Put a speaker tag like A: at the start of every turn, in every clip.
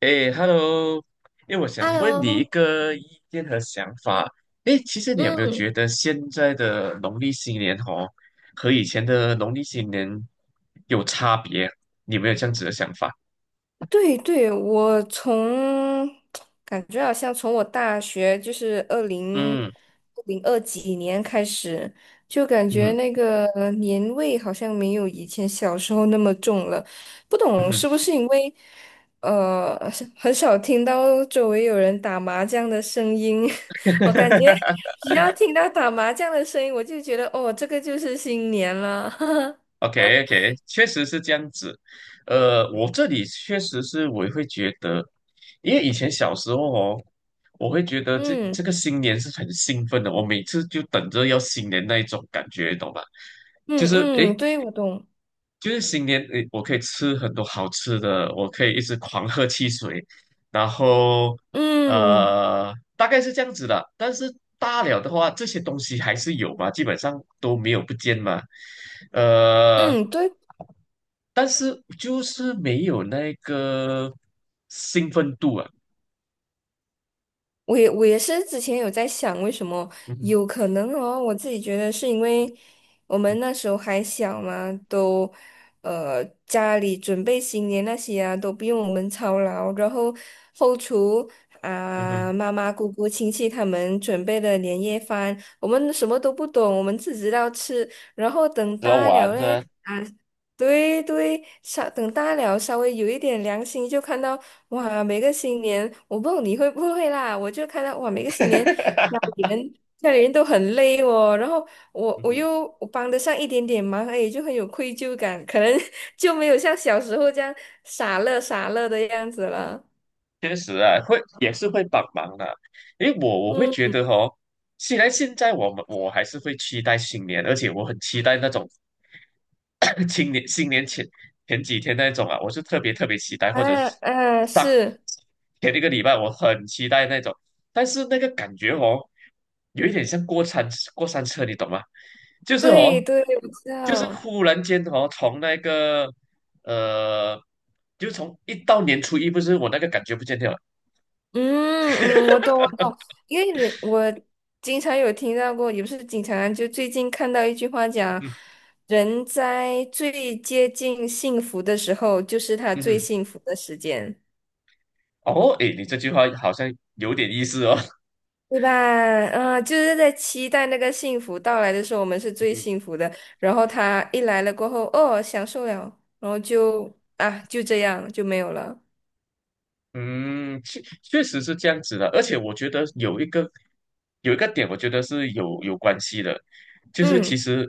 A: 哎，Hello，哎，我想问你一
B: Hello，
A: 个意见和想法。哎，其实你有没有
B: 嗯，
A: 觉得现在的农历新年哦，和以前的农历新年有差别？你有没有这样子的想法？
B: 对对，感觉好像从我大学就是二零
A: 嗯
B: 零二几年开始，就感觉
A: 嗯
B: 那个年味好像没有以前小时候那么重了。不
A: 嗯
B: 懂
A: 哼，
B: 是不是因为是很少听到周围有人打麻将的声音，我感觉 只要听到打麻将的声音，我就觉得哦，这个就是新年了。
A: OK OK，确实是这样子。我这里确实是我会觉得，因为以前小时候哦，我会觉得这这
B: 嗯
A: 个新年是很兴奋的，我每次就等着要新年那一种感觉，懂吧？就
B: 嗯
A: 是
B: 嗯，
A: 诶，
B: 对，我懂。
A: 就是新年诶，我可以吃很多好吃的，我可以一直狂喝汽水，然后
B: 嗯
A: 大概是这样子的。但是大了的话，这些东西还是有嘛，基本上都没有不见嘛。呃。
B: 嗯，对，
A: 但是就是没有那个兴奋度啊。
B: 我也是之前有在想，为什么
A: 嗯哼
B: 有可能哦？我自己觉得是因为我们那时候还小嘛，家里准备新年那些啊，都不用我们操劳，然后后厨
A: 嗯哼，
B: 啊、妈妈、姑姑、亲戚他们准备的年夜饭，我们什么都不懂，我们只知道吃，然后等
A: 只要
B: 大
A: 玩
B: 了
A: 对
B: 嘞。
A: 吧？
B: 啊对对，稍等大了，稍微有一点良心，就看到哇，每个新年，我不知道你会不会啦，我就看到哇，每个新年家 里人家里人都很累哦，然后我
A: 嗯
B: 我
A: 哼
B: 又我帮得上一点点忙，哎，就很有愧疚感，可能 就没有像小时候这样傻乐傻乐的样子了。
A: 确实啊，会也是会帮忙的。因为我会觉
B: 嗯
A: 得哦，虽然现在我还是会期待新年，而且我很期待那种 新年前几天那种啊，我是特别特别期待，或者是
B: 啊啊，
A: 上
B: 是
A: 前一个礼拜我很期待那种，但是那个感觉哦，有一点像过山车，你懂吗？就是
B: 对
A: 哦，
B: 对，我知
A: 就是
B: 道。
A: 忽然间哦，从那个。呃，就从一到年初一，不是我那个感觉不见掉了。
B: 嗯嗯，我懂我懂，因为我经常有听到过，也不是经常啊，就最近看到一句话讲，
A: 嗯
B: 人在最接近幸福的时候，就是他
A: 嗯
B: 最
A: 哼
B: 幸福的时间，
A: 哦，诶，你这句话好像有点意思哦。
B: 对吧？啊，就是在期待那个幸福到来的时候，我们是最 幸福的，然后他一来了过后，哦，享受了，然后就这样就没有了。
A: 嗯，确实是这样子的，而且我觉得有一个点，我觉得是有关系的，就是其
B: 嗯
A: 实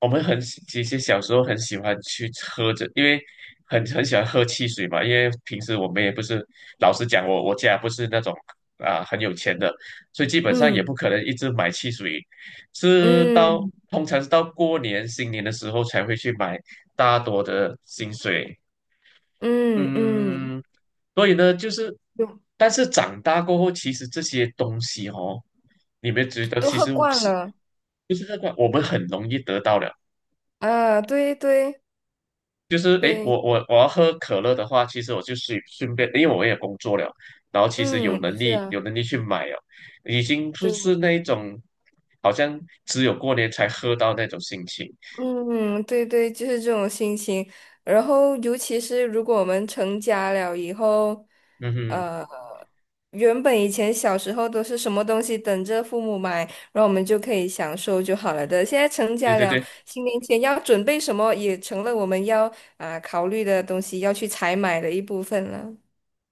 A: 我们很喜其实小时候很喜欢去喝着，因为很喜欢喝汽水嘛，因为平时我们也不是，老实讲我家不是那种啊、很有钱的，所以基本上也
B: 嗯
A: 不可能一直买汽水，是到
B: 嗯
A: 通常是到过年新年的时候才会去买大多的薪水，
B: 嗯嗯嗯，
A: 嗯，所以呢，就是，
B: 都
A: 但是长大过后，其实这些东西哦，你们觉得
B: 都
A: 其
B: 喝
A: 实
B: 惯
A: 是
B: 了。
A: 就是那个我们很容易得到了，
B: 啊，对对
A: 就是诶，
B: 对，
A: 我要喝可乐的话，其实我就随顺便，因为我也工作了，然后其实有
B: 嗯，
A: 能
B: 是
A: 力
B: 啊，
A: 有能力去买哦，已经不
B: 对，
A: 是那一种好像只有过年才喝到那种心情。
B: 嗯，对对，就是这种心情。然后，尤其是如果我们成家了以后，
A: 嗯哼，
B: 呃，原本以前小时候都是什么东西等着父母买，然后我们就可以享受就好了的。现在成
A: 对
B: 家
A: 对
B: 了，
A: 对，
B: 新年前要准备什么，也成了我们要考虑的东西，要去采买的一部分了。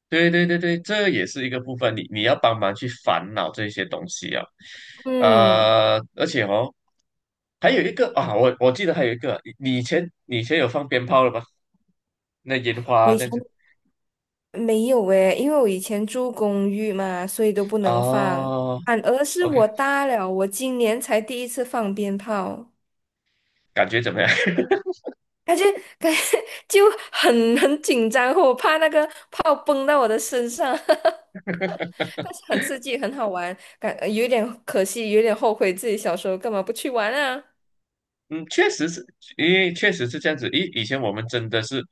A: 对对对对，这也是一个部分，你要帮忙去烦恼这些东西啊，
B: 嗯。
A: 而且哦，还有一个啊，我记得还有一个，你以前有放鞭炮了吗？那烟
B: 我
A: 花
B: 以
A: 这
B: 前。
A: 样子
B: 没有诶，因为我以前住公寓嘛，所以都不能放。
A: 啊
B: 反而是
A: ，OK，
B: 我大了，我今年才第一次放鞭炮，
A: 感觉怎么样？
B: 感觉感觉 就很紧张，我怕那个炮崩到我的身上，但是很刺激，很好玩，感有点可惜，有点后悔自己小时候干嘛不去玩啊。
A: 嗯，确实是，因为确实是这样子。以前我们真的是，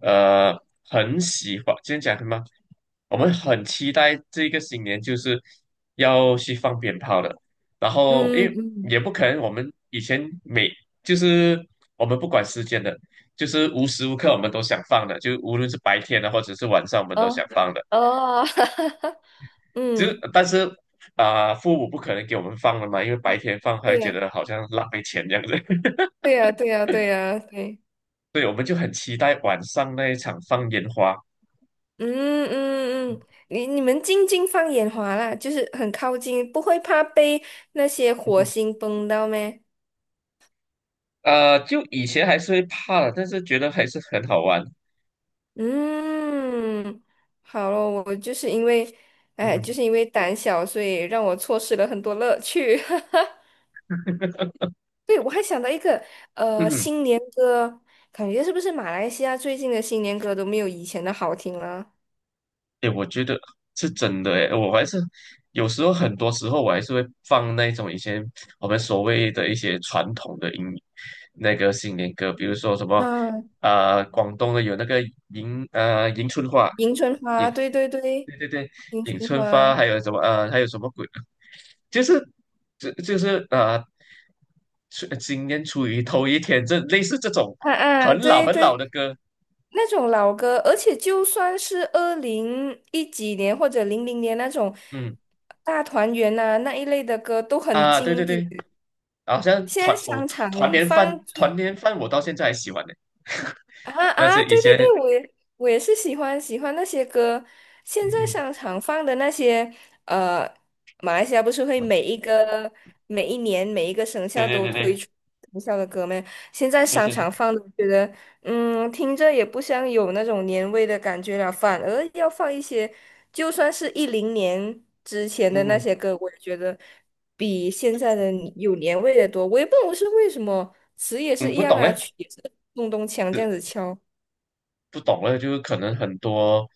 A: 呃，很喜欢，今天讲什么？我们很期待这个新年就是要去放鞭炮的。然后，因
B: 嗯
A: 为
B: 嗯，
A: 也不可能，我们以前就是我们不管时间的，就是无时无刻我们都想放的，就无论是白天的或者是晚上，我们都想
B: 哦
A: 放的。
B: 哦，
A: 就
B: 嗯，
A: 但是啊、父母不可能给我们放了嘛，因为白天放还会
B: 对
A: 觉
B: 呀，
A: 得好像浪费钱这样子。
B: 对呀，对呀，对呀，对。
A: 对，我们就很期待晚上那一场放烟花。
B: 嗯嗯嗯，你们静静放眼华啦，就是很靠近，不会怕被那些
A: 嗯
B: 火
A: 哼，
B: 星崩到咩？
A: 就以前还是会怕的，但是觉得还是很好玩。
B: 嗯，好了，我就是因为，
A: 嗯
B: 哎，就
A: 哼
B: 是因为胆小，所以让我错失了很多乐趣。对，我还想到一个，
A: 嗯哼，
B: 新年歌，感觉是不是马来西亚最近的新年歌都没有以前的好听了？
A: 诶，我觉得是真的哎，我还是有时候很多时候我还是会放那种以前我们所谓的一些传统的那个新年歌，比如说什么
B: 啊，
A: 广东的有那个迎春花，
B: 迎春
A: 迎
B: 花，对对对，
A: 对对对
B: 迎
A: 迎
B: 春
A: 春花，
B: 花，
A: 还有什么还有什么鬼就是就是，出今年处于头一天，这类似这种
B: 啊啊，
A: 很老
B: 对
A: 很老
B: 对，
A: 的歌，
B: 那种老歌，而且就算是二零一几年或者零零年那种
A: 嗯
B: 大团圆呐、那一类的歌都很
A: 啊，对对
B: 经典。
A: 对，好像
B: 现在商
A: 团
B: 场
A: 年饭
B: 放
A: 团
B: 最
A: 年饭我到现在还喜欢呢，
B: 啊
A: 但
B: 啊，
A: 是以
B: 对对
A: 前
B: 对，我也是喜欢那些歌。
A: 嗯
B: 现在
A: 嗯，
B: 商场放的那些，呃，马来西亚不是会每一年每一个生
A: 对
B: 肖
A: 对
B: 都
A: 对
B: 推
A: 对，
B: 出生肖的歌吗？现在
A: 就
B: 商
A: 是是
B: 场放的，我觉得听着也不像有那种年味的感觉了，反而要放一些，就算是一零年之前的那
A: 嗯
B: 些歌，我也觉得。比现在的有年味的多。我也不懂是为什么，词也是
A: 嗯
B: 一
A: 不
B: 样
A: 懂
B: 啊，
A: 嘞，
B: 曲也是咚咚锵
A: 呃
B: 这样子敲。
A: 不懂了，就是可能很多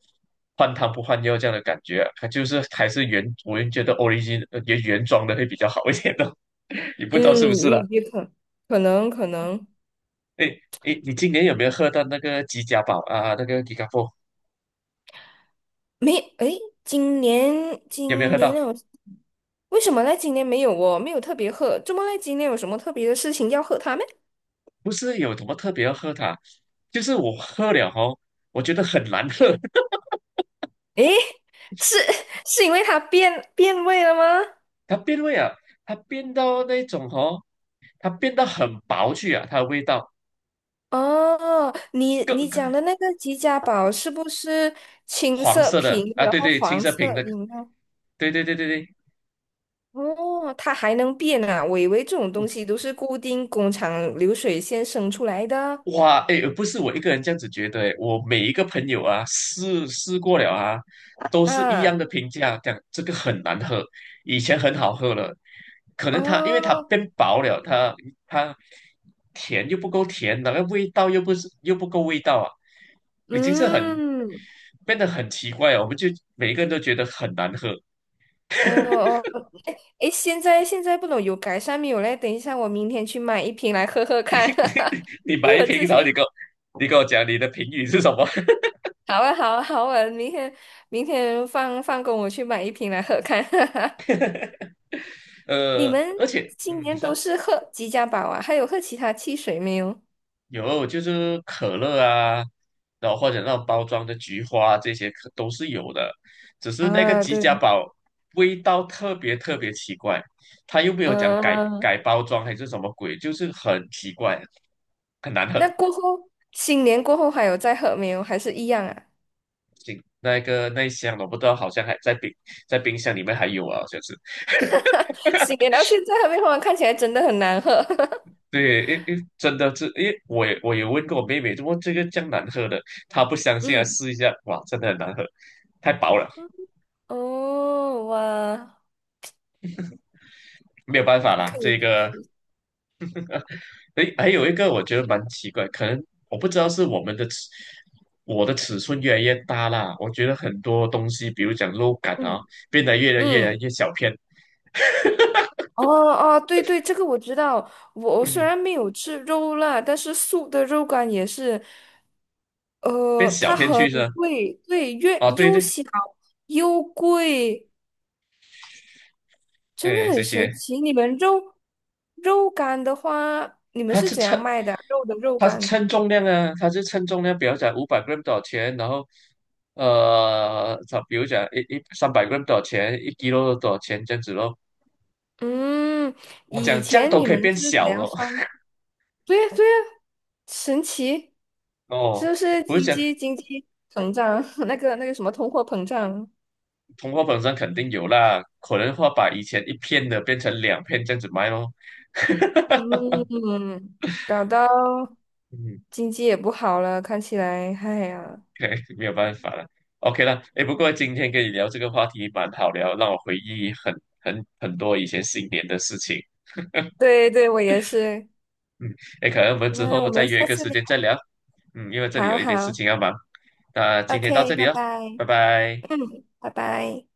A: 换汤不换药这样的感觉啊，它就是还是我就觉得 origin 原装的会比较好一点的，你不知道是不
B: 嗯，
A: 是
B: 也
A: 啦。
B: 也可能
A: 哎哎，诶你今年有没有喝到那个吉家宝啊？那个吉卡波
B: 没诶，今年
A: 有没有
B: 今
A: 喝
B: 年
A: 到？
B: 有为什么呢？今年没有哦，没有特别喝。怎么呢？今年有什么特别的事情要喝它吗？
A: 不是有什么特别要喝它，就是我喝了哦，我觉得很难喝，
B: 诶，是 是因为它变味了吗？
A: 它变味啊，它变到那种哦，它变到很薄去啊，它的味道
B: 哦，你
A: 更
B: 你
A: 更
B: 讲的那个吉家宝是不是青
A: 黄
B: 色
A: 色
B: 瓶，
A: 的啊，
B: 然
A: 对
B: 后
A: 对，青
B: 黄
A: 色瓶
B: 色
A: 的，个，
B: 饮料？
A: 对对对对对，
B: 哦，它还能变啊！我以为这种东西都是固定工厂流水线生出来的
A: 哇，哎，不是我一个人这样子觉得，诶，我每一个朋友啊，试试过了啊，都是一样
B: 啊。
A: 的评价，讲这个很难喝，以前很好喝了，可能因为它
B: 哦，
A: 变薄了，它甜又不够甜，那个味道又不够味道啊，已经是
B: 嗯，
A: 变得很奇怪了我们就每一个人都觉得很难喝。
B: 哦哦，诶，现在不懂有改善没有嘞？等一下，我明天去买一瓶来喝喝看，
A: 你
B: 因
A: 买
B: 为
A: 一
B: 我
A: 瓶，
B: 之
A: 然后
B: 前
A: 你跟我讲你的评语是什么？
B: 好啊好啊好啊，明天放工我去买一瓶来喝看。你
A: 呃，
B: 们
A: 而且，
B: 今
A: 嗯，你
B: 年都
A: 说。
B: 是喝吉家宝啊？还有喝其他汽水没有？
A: 有，就是可乐啊，然后或者那种包装的菊花这些可都是有的，只是那个
B: 啊，
A: 吉
B: 对，
A: 家宝味道特别特别奇怪，他又没有讲改
B: 嗯、
A: 改包装还是什么鬼，就是很奇怪，很难
B: 那
A: 喝。
B: 过后，新年过后还有再喝没有？还是一样啊？
A: 那个那一箱我不知道，好像还在冰箱里面还有啊，好像是。
B: 新年到现在还没喝完，看起来真的很难喝。
A: 对，真的是，因为我也问过我妹妹，怎么这个这样难喝的，她不相信啊，
B: 嗯
A: 试一下，哇，真的很难喝，太薄了，
B: 哦，哇，
A: 没有办法啦，
B: 可以
A: 这
B: 去试
A: 个
B: 试
A: 诶，还有一个我觉得蛮奇怪，可能我不知道是我的尺寸越来越大啦。我觉得很多东西，比如讲肉感啊，
B: 嗯
A: 变得越来越来
B: 嗯，
A: 越小片，
B: 哦哦，对对，这个我知道。我虽
A: 嗯，
B: 然没有吃肉啦，但是素的肉干也是，
A: 变小
B: 它
A: 片
B: 很
A: 去是吧？
B: 贵，对，越
A: 啊，对
B: 又
A: 对，
B: 小又贵，真
A: 哎，
B: 的很
A: 这
B: 神
A: 些，
B: 奇。你们肉干的话，你们
A: 它
B: 是
A: 是
B: 怎样
A: 称
B: 卖的啊肉的肉
A: 它是
B: 干？
A: 称重量啊，它是称重量，比如讲500 gram 多少钱，然后它比如讲三百 gram 多少钱，1 kilo 多少钱这样子咯。
B: 嗯，
A: 我
B: 以
A: 讲这样
B: 前
A: 都
B: 你
A: 可以
B: 们
A: 变
B: 是怎
A: 小
B: 样
A: 了
B: 算？对呀，对呀，神奇，是
A: 哦，
B: 不是
A: 我就
B: 经
A: 讲
B: 济经济膨胀？那个什么通货膨胀？
A: 通货膨胀肯定有啦，可能会把以前一片的变成两片这样子卖咯。
B: 嗯，搞到
A: 嗯，
B: 经济也不好了，看起来，哎呀，
A: 没有办法了。OK 了，哎，不过今天跟你聊这个话题蛮好聊，让我回忆很多以前新年的事情。
B: 对对，我也是。
A: 嗯，哎，可能我们之
B: 那
A: 后
B: 我
A: 再
B: 们
A: 约一
B: 下
A: 个
B: 次
A: 时
B: 聊，
A: 间再聊。嗯，因为这里
B: 好
A: 有一点事
B: 好
A: 情要忙。那今天到
B: ，OK，
A: 这里
B: 拜
A: 了，
B: 拜，
A: 拜拜。
B: 嗯，拜拜。